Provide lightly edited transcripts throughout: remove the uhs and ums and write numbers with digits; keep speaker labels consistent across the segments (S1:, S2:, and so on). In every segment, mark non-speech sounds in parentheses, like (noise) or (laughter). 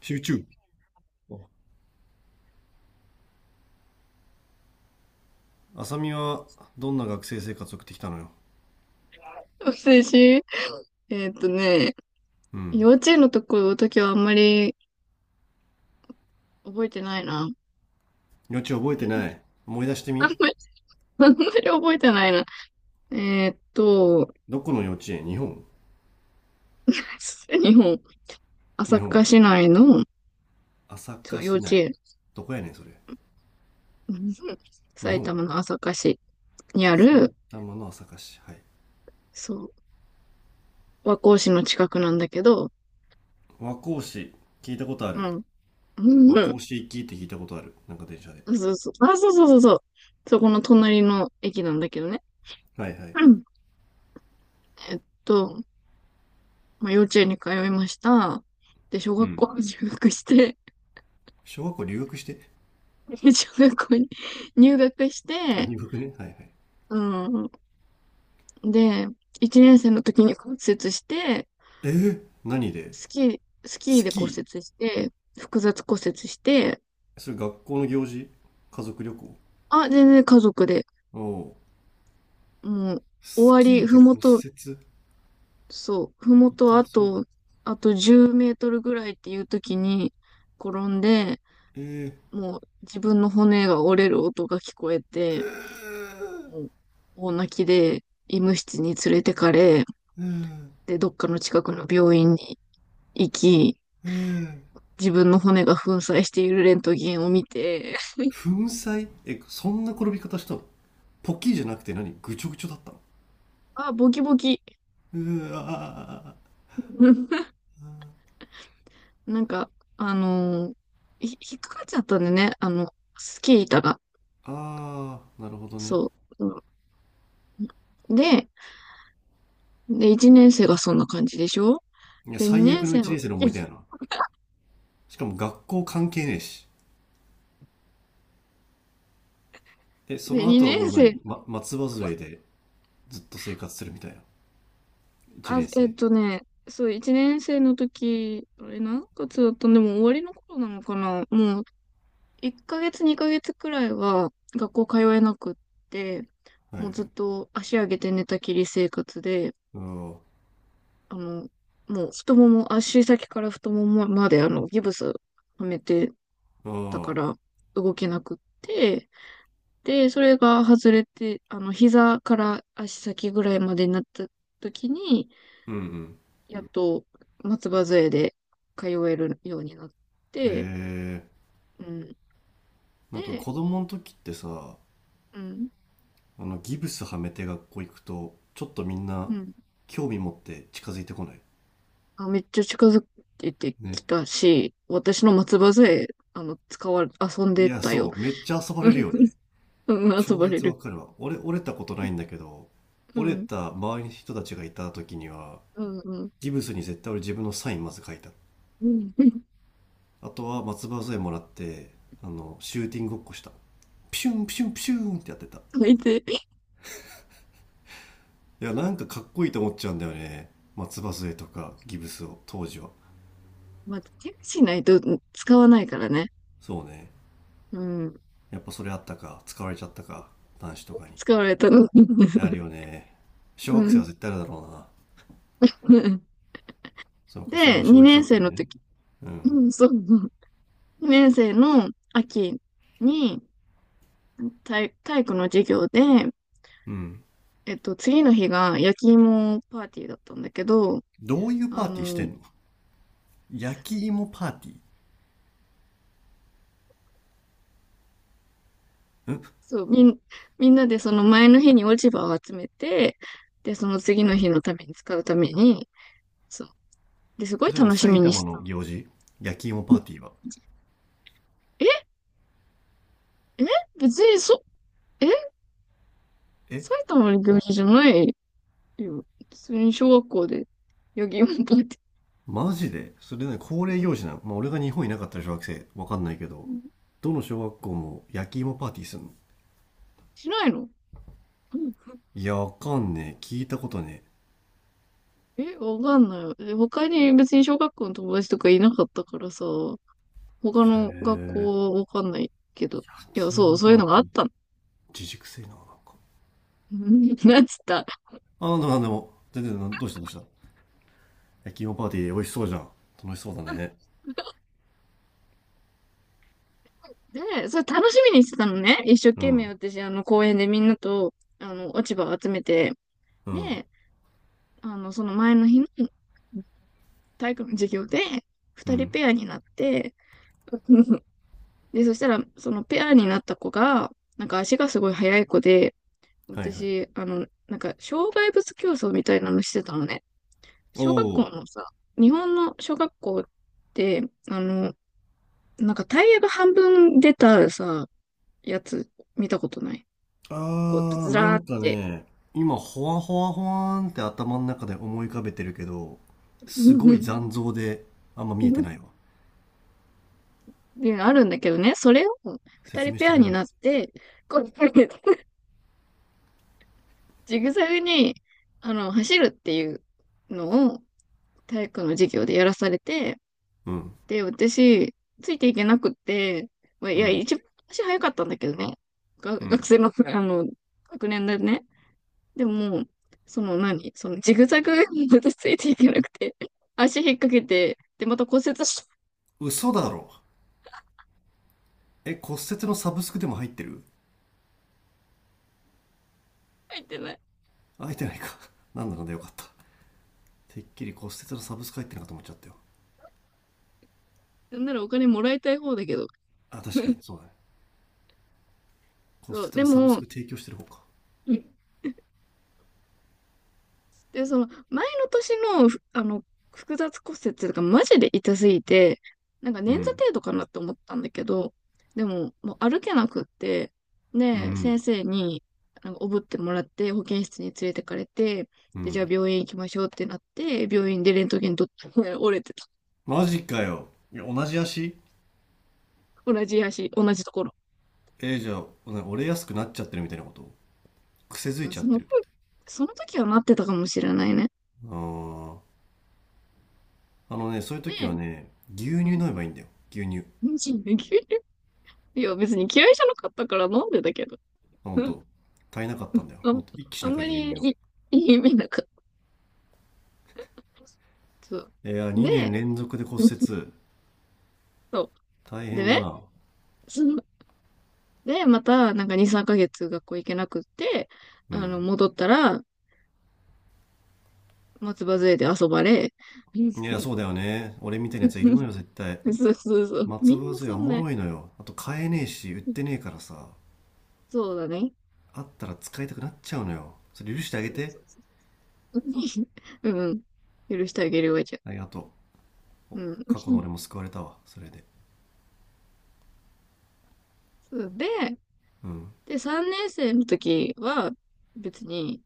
S1: 集中。浅見はどんな学生生活を送ってきたのよ。
S2: 学生し、ね、
S1: うん。
S2: 幼稚園のところの時はあんまり覚えてないな。
S1: 幼稚園覚え
S2: う
S1: てな
S2: ん
S1: い。思い出して
S2: あ
S1: み。
S2: んまり、あんまり覚えてないな。えーっと、
S1: どこの幼稚園日本？
S2: 日本、朝
S1: 日
S2: 霞
S1: 本。
S2: 市内の、
S1: 朝
S2: そう、
S1: 霞
S2: 幼
S1: 市
S2: 稚
S1: 内。
S2: 園。
S1: どこやねん、それ。
S2: うん。
S1: 日
S2: 埼
S1: 本。
S2: 玉の朝霞市にあ
S1: 埼
S2: る、
S1: 玉の朝霞市。はい。
S2: そう、和光市の近くなんだけど、
S1: 和光市。聞いたことあ
S2: う
S1: る。
S2: ん。
S1: 和
S2: う
S1: 光
S2: ん。
S1: 市行きって聞いたことある。なんか電車で。
S2: うん。そうそう。あ、そうそうそうそう。そこの隣の駅なんだけどね。
S1: はいはい。
S2: うん。えっと、まあ、幼稚園に通いました。で、小
S1: う
S2: 学
S1: ん。
S2: 校に入学して、
S1: 小学校留学して？
S2: (laughs) 小学校に入学し
S1: あ、
S2: て、
S1: 入学ね。はいはい。
S2: うん。で、1年生の時に骨折して、
S1: えー、何で？
S2: スキー、スキー
S1: ス
S2: で骨
S1: キ
S2: 折して、複雑骨折して、
S1: ー、それ学校の行事？家族旅行？
S2: あ、全然家族で、
S1: おおう。
S2: もう、終
S1: ス
S2: わ
S1: キ
S2: り、
S1: ーで
S2: ふも
S1: 骨
S2: と、
S1: 折痛
S2: そう、ふもと
S1: そ
S2: あ
S1: う。
S2: と、あと10メートルぐらいっていう時に転んで、
S1: えー、
S2: もう自分の骨が折れる音が聞こえて、もう大泣きで医務室に連れてかれ、
S1: うーん、
S2: で、どっかの近くの病院に行き、
S1: うーん、
S2: 自分の骨が粉砕しているレントゲンを見て、
S1: 粉砕？え、そんな転び方したの？ポッキーじゃなくて何？ぐちょぐちょだったの？
S2: あ、ボキボキ。
S1: うあ
S2: (laughs)
S1: ー、
S2: なんか、あのー引っかかっちゃったんでね、あの、スキー板が。
S1: あー、なるほどね。
S2: そう。うんで、で、1年生がそんな感じでしょ。
S1: いや、
S2: で、
S1: 最
S2: 2年
S1: 悪の
S2: 生
S1: 一
S2: の
S1: 年生
S2: 時、
S1: の思い出や
S2: (laughs)
S1: な。しかも学校関係ねえし。え、そ
S2: で、
S1: の後は
S2: 2
S1: も
S2: 年
S1: う
S2: 生、
S1: 何、ま、松葉杖でずっと生活するみたいな。一
S2: あ、
S1: 年生。
S2: そう、1年生の時、あれ何月だったん。でも終わりの頃なのかな。もう1ヶ月2ヶ月くらいは学校通えなくって、
S1: はいは
S2: もう
S1: い。
S2: ずっと足上げて寝たきり生活で、
S1: あ
S2: あの、もう太もも、足先から太ももまであのギブスはめて
S1: あ、
S2: たか
S1: ああ、
S2: ら動けなくって、で、それが外れて、あの、膝から足先ぐらいまでになった時に、
S1: うんうん。
S2: やっと松葉杖で通えるようになっ
S1: へ
S2: て、
S1: え。
S2: うん。
S1: なんか
S2: で、
S1: 子供の時ってさ、
S2: うん。
S1: ギブスはめて学校行くと、ちょっとみんな
S2: うん。
S1: 興味持って近づいてこない？
S2: あ、めっちゃ近づいてき
S1: ね。
S2: たし、私の松葉杖、あの、使われ、遊ん
S1: い
S2: で
S1: や、
S2: た
S1: そ
S2: よ。
S1: う、めっちゃ遊ばれるよね。
S2: (laughs) うん、遊
S1: 超
S2: ばれ
S1: 絶
S2: る。
S1: わかるわ。俺、折れたことないんだけど、
S2: う
S1: 折れ
S2: ん、
S1: た周りの人たちがいた時には、
S2: うん、うん。
S1: ギブスに絶対俺自分のサインまず書いた。
S2: うん。 (laughs)
S1: あとは松葉杖もらって、シューティングごっこした。ピシュンピシュンピシュンってやってた。い
S2: それで、
S1: や、なんかかっこいいと思っちゃうんだよね。松葉杖とかギブスを、当時は。
S2: まあ、チェックしないと使わないからね。
S1: そうね。
S2: うん、
S1: やっぱそれあったか、使われちゃったか、男子とかに。
S2: 使われたの。
S1: ある
S2: (laughs)
S1: よね。小
S2: う
S1: 学生は
S2: ん、
S1: 絶対
S2: (laughs)
S1: あるだろうな。
S2: うん。
S1: そうか、そん
S2: で、
S1: な小一
S2: 2
S1: だ
S2: 年
S1: った
S2: 生
S1: ら
S2: の
S1: ね。
S2: 時、
S1: うん。
S2: うん、そう、2年生の秋に体育の授業で、
S1: うん。
S2: えっと、次の日が焼き芋パーティーだったんだけど、
S1: どういう
S2: あ
S1: パーティーして
S2: の、
S1: んの？焼き芋パーティーん、
S2: そう、みんなでその前の日に落ち葉を集めて、で、その次の日のために使うために、そう。で、すごい
S1: それね、
S2: 楽しみ
S1: 埼
S2: にし
S1: 玉の
S2: た。
S1: 行事？焼き芋
S2: う
S1: パー
S2: ん。
S1: ティーは。
S2: え、え、別にそ、え、
S1: え、
S2: 埼玉の行事じゃないよ。普通に小学校で、ヨギンパって。
S1: マジでそれね、恒例
S2: う
S1: 行事なの？まあ、俺が日本いなかったら小学生、わかんないけど、
S2: ん。
S1: どの小学校も焼き芋パーティーするの？
S2: しないの。うん。
S1: いや、わかんねえ。聞いたことね
S2: え、わかんない。え、他に別に小学校の友達とかいなかったからさ、他
S1: え。
S2: の学
S1: へえ。
S2: 校はわかんないけど。
S1: 焼
S2: いや、
S1: き
S2: そう、
S1: 芋
S2: そう
S1: パ
S2: いう
S1: ー
S2: のが
S1: テ
S2: あ
S1: ィ
S2: っ
S1: ー。
S2: たの。
S1: 自粛性な、なんか。
S2: (laughs) うん。なんつった。
S1: あ、なんでも、全然、な、どうしたどうした？焼き芋パーティー美味しそうじゃん。楽しそうだね。
S2: で、それ楽しみにしてたのね。一生
S1: う
S2: 懸命
S1: ん。
S2: 私、あの、公園でみんなと、あの、落ち葉を集めて。
S1: うん。
S2: で、あの、その前の日の体育の授業で、
S1: う
S2: 二人
S1: ん。
S2: ペアになって、(laughs) で、そしたら、そのペアになった子が、なんか足がすごい速い子で、
S1: はいはい。
S2: 私、あの、なんか、障害物競争みたいなのしてたのね。
S1: お
S2: 小学
S1: お。
S2: 校のさ、日本の小学校って、あの、なんかタイヤが半分出たさ、やつ見たことない？
S1: あ
S2: こう、
S1: ー、
S2: ず
S1: な
S2: らー
S1: ん
S2: っ
S1: か
S2: て、
S1: ね、今、ほわほわほわーんって頭の中で思い浮かべてるけど、すごい
S2: (laughs)
S1: 残像であんま見えてないわ。
S2: あるんだけどね、それを二
S1: 説
S2: 人
S1: 明し
S2: ペ
S1: て
S2: ア
S1: くれ
S2: に
S1: ない？
S2: なって、こう、ジグザグに、あの、走るっていうのを体育の授業でやらされて、
S1: うん。
S2: で、私、ついていけなくって、まあ、い
S1: う
S2: や、
S1: ん。
S2: 一番足早かったんだけどね、が
S1: う
S2: 学
S1: ん。
S2: 生の、あの、学年でね。でも、その何そのジグザグに私ついていけなくて、足引っ掛けて、で、また骨折して。
S1: 嘘だろ。え、骨折のサブスクでも入ってる？
S2: 入ってない。
S1: 入ってないか。(laughs) なんだかんだよかった。てっきり骨折のサブスク入ってるのかと思っちゃったよ。
S2: なんならお金もらいたい方だけど、
S1: あ、確かに、そうだね。骨
S2: そう、
S1: 折
S2: で
S1: のサブス
S2: も、
S1: ク提供してる方か。
S2: で、その前の年の、ふあの、複雑骨折とかマジで痛すぎて、なんか
S1: う
S2: 捻挫
S1: ん。
S2: 程度かなって思ったんだけど、でも、もう歩けなくって、
S1: う
S2: で、先
S1: ん。
S2: 生に、なんかおぶってもらって、保健室に連れてかれて、
S1: う
S2: で、じゃあ
S1: ん。
S2: 病院行きましょうってなって、病院でレントゲン撮って (laughs) 折れてた。
S1: マジかよ。いや同じ足？
S2: 同じ足、同じところ。
S1: えー、じゃあ、折れやすくなっちゃってるみたいなこと？癖づい
S2: あ、
S1: ちゃっ
S2: そ
S1: て
S2: の、
S1: る。
S2: その時はなってたかもしれないね。
S1: あー、あのね、そういう時は
S2: で、
S1: ね、牛
S2: う
S1: 乳
S2: ん、
S1: 飲めばいいんだよ。牛乳。
S2: (laughs) いや、別に嫌いじゃなかったから飲んでたけど。
S1: あ、ほん
S2: (laughs)
S1: と。足りなかったんだよ。
S2: あ
S1: も
S2: ん、
S1: っと一気し
S2: あ
S1: な
S2: ん
S1: きゃ
S2: ま
S1: 牛
S2: り
S1: 乳
S2: い
S1: を。
S2: い、いい夢なかった。そう。
S1: いや、2年
S2: で、
S1: 連続で骨折。
S2: そ
S1: 大
S2: う。で
S1: 変だ
S2: ね、
S1: な。
S2: その、で、また、なんか2、3ヶ月学校行けなくって、
S1: う
S2: あの、
S1: ん。
S2: 戻ったら、松葉杖で遊ばれ、
S1: いや、
S2: (laughs)
S1: そうだよね。俺みたいなやついるのよ、絶対。
S2: そうそうそう。み
S1: 松
S2: ん
S1: 葉
S2: な
S1: 杖
S2: そ
S1: はお
S2: ん
S1: も
S2: な、
S1: ろいのよ。あと買えねえし、売ってねえからさ。
S2: そうだね。
S1: あったら使いたくなっちゃうのよ。それ許してあげ
S2: そうそ
S1: て。
S2: うそう。(laughs) うん。許してあげるわじゃ
S1: ありがと
S2: ん。う
S1: う。
S2: ん。
S1: 過去の俺も救われたわ、それで。
S2: そうで、
S1: うん。
S2: で、3年生の時は、別に、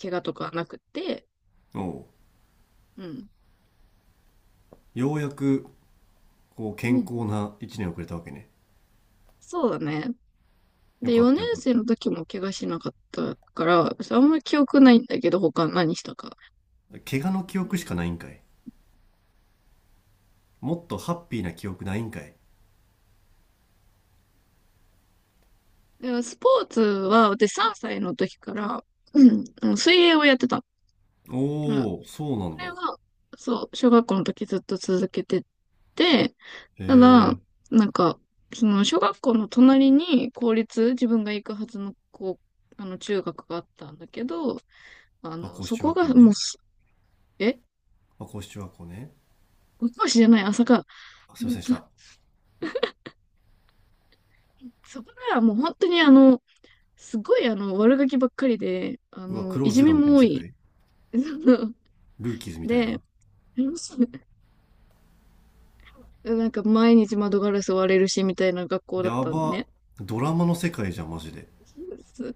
S2: 怪我とかなくって、
S1: おう、
S2: うん。
S1: ようやくこう健康な1年遅れたわけね。
S2: そうだね。
S1: よ
S2: で、
S1: かっ
S2: 4
S1: たよ
S2: 年
S1: かっ
S2: 生の時も怪我しなかったから、あんまり記憶ないんだけど、他何したか。
S1: た。怪我の記
S2: うん、
S1: 憶しかないんかい。もっとハッピーな記憶ないんかい。
S2: だからスポーツは、私3歳の時から、うん、あの水泳をやってた。まあ、
S1: おおー、そうな
S2: そ
S1: んだ。
S2: れが、そう、小学校の時ずっと続けてて、
S1: へ
S2: ただ、
S1: え。
S2: なんか、その小学校の隣に公立、自分が行くはずの高、あの中学があったんだけど、あ
S1: まあ
S2: の、
S1: 高
S2: そ
S1: 中
S2: こ
S1: 学
S2: が
S1: 校
S2: もう
S1: ね。
S2: す、え、
S1: まあ高中学校ね。
S2: ご教師じゃない、朝か。
S1: あ、すいませんでした。
S2: そこならもう本当にあの、すごいあの、悪ガキばっかりで、あ
S1: うわ、ク
S2: の、
S1: ロ
S2: い
S1: ーズ
S2: じ
S1: ゼ
S2: め
S1: ロみたい
S2: も
S1: な
S2: 多
S1: 世
S2: い。
S1: 界。
S2: (laughs)
S1: ルーキーズみたい
S2: で、
S1: な。
S2: なんか毎日窓ガラス割れるしみたいな学校だっ
S1: や
S2: たの
S1: ば。
S2: ね。
S1: ドラマの世界じゃんマジで。
S2: す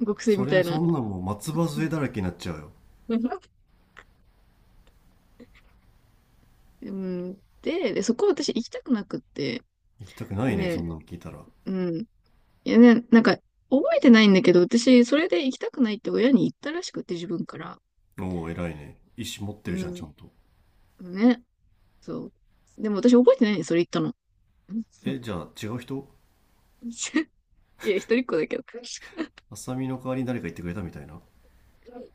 S2: 学生
S1: そ
S2: みた
S1: れ
S2: いな。
S1: そんなもう松葉杖だらけになっちゃうよ。
S2: うん、で、そこ私行きたくなくって、
S1: 行きたくないねそ
S2: ね、
S1: んなの聞いたら。
S2: うん。いやね、なんか覚えてないんだけど、私それで行きたくないって親に言ったらしくて自分から。
S1: おお偉いね、意思持って
S2: う
S1: るじゃん、ち
S2: ん、
S1: ゃんと。
S2: ね、そう。でも私覚えてないねそれ言ったの。(laughs)
S1: え、じゃあ違う人？
S2: いや、一人っ子だけど。(laughs)
S1: アサミの代わりに誰か言ってくれたみたいな。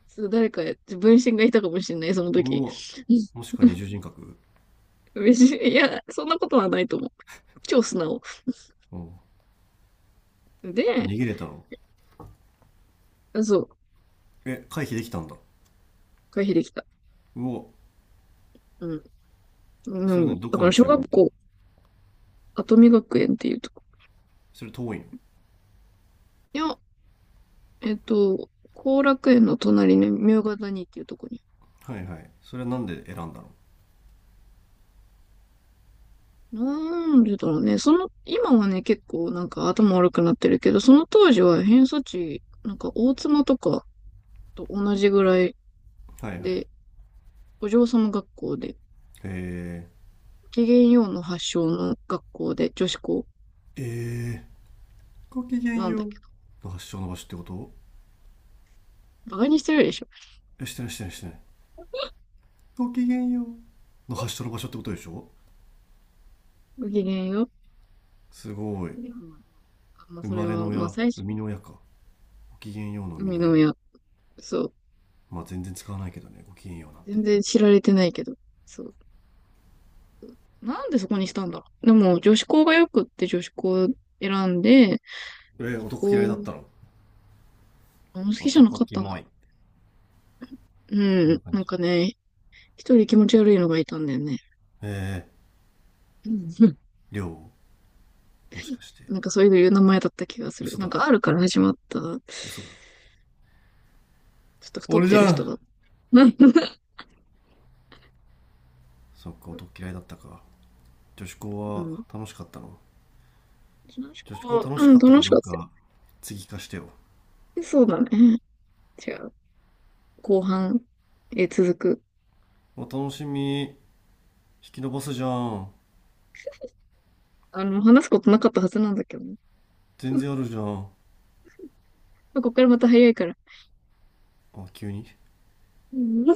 S2: そう、誰か、分身がいたかもしれない、その時。
S1: うわ、もしか二重人格？
S2: (laughs) いや、そんなことはないと思う。超素直。
S1: うん。じゃあ
S2: で、
S1: 逃げれたの？
S2: そう、
S1: え、回避できたんだ。
S2: 回避できた。
S1: うわ、
S2: うん。う
S1: それ
S2: ん。
S1: 何、ど
S2: だ
S1: こ
S2: から、
S1: の
S2: 小
S1: 中学行
S2: 学
S1: ったの？
S2: 校、跡見学園っていうとこ。
S1: それ遠いの？
S2: いや、えっと、後楽園の隣の明ヶ谷っていうとこに。
S1: はいはい。それはなんで選んだの？
S2: なんでだろうね。その、今はね、結構なんか頭悪くなってるけど、その当時は偏差値、なんか大妻とかと同じぐらい
S1: はいはい。
S2: で、お嬢様学校で、
S1: えー、
S2: ごきげんようの発祥の学校で女子校。
S1: えー、ごきげん
S2: なんだ
S1: よ
S2: っ
S1: う
S2: け。
S1: の発祥の場所ってこと？
S2: バカにしてるでしょ？
S1: え、してないしてないしてない。ごきげんようの発祥の場所ってことでしょ？
S2: ごきげんよう。
S1: すごい。
S2: うん。まあ、
S1: 生
S2: それ
S1: まれの
S2: は、まあ、
S1: 親、
S2: 最
S1: 生
S2: 初、
S1: みの親か。ごきげんようの生み
S2: 海
S1: の
S2: の
S1: 親。
S2: 親。そう。
S1: まあ全然使わないけどね、ごきげんようなんて。
S2: 全然知られてないけど。そう。なんでそこにしたんだろう。でも、女子校がよくって女子校選んで、
S1: えー、男嫌い
S2: こ
S1: だっ
S2: う、
S1: たの？
S2: あんま好きじゃな
S1: 男
S2: かっ
S1: キ
S2: た
S1: モ
S2: な。
S1: い。そん
S2: う
S1: な
S2: ん。
S1: 感
S2: なん
S1: じ。
S2: かね、一人気持ち悪いのがいたんだよね。
S1: ええ
S2: うん。 (laughs)
S1: ー、りょう、もしかして。
S2: なんかそういう名前だった気がする。
S1: 嘘
S2: な
S1: だ
S2: ん
S1: ろ。
S2: か R から始まった、ちょっ
S1: 嘘だ。
S2: と太っ
S1: 俺じ
S2: てる
S1: ゃ
S2: 人だ
S1: ん。
S2: った。(laughs)
S1: そっか、男嫌いだったか。女子
S2: う
S1: 校は
S2: ん。
S1: 楽しかったの？
S2: 楽しか
S1: 女子校
S2: っ
S1: 楽
S2: た。
S1: し
S2: うん、
S1: かった
S2: 楽
S1: か
S2: し
S1: ど
S2: かっ
S1: う
S2: たよ。
S1: か、次聞かしてよ。
S2: そうだね。じゃあ、後半、続く。
S1: あ楽しみ、引き伸ばすじゃん。
S2: あの、話すことなかったはずなんだけどね。
S1: 全
S2: (laughs)
S1: 然あるじゃん。
S2: ここからまた早いから。
S1: あ、急に。
S2: うん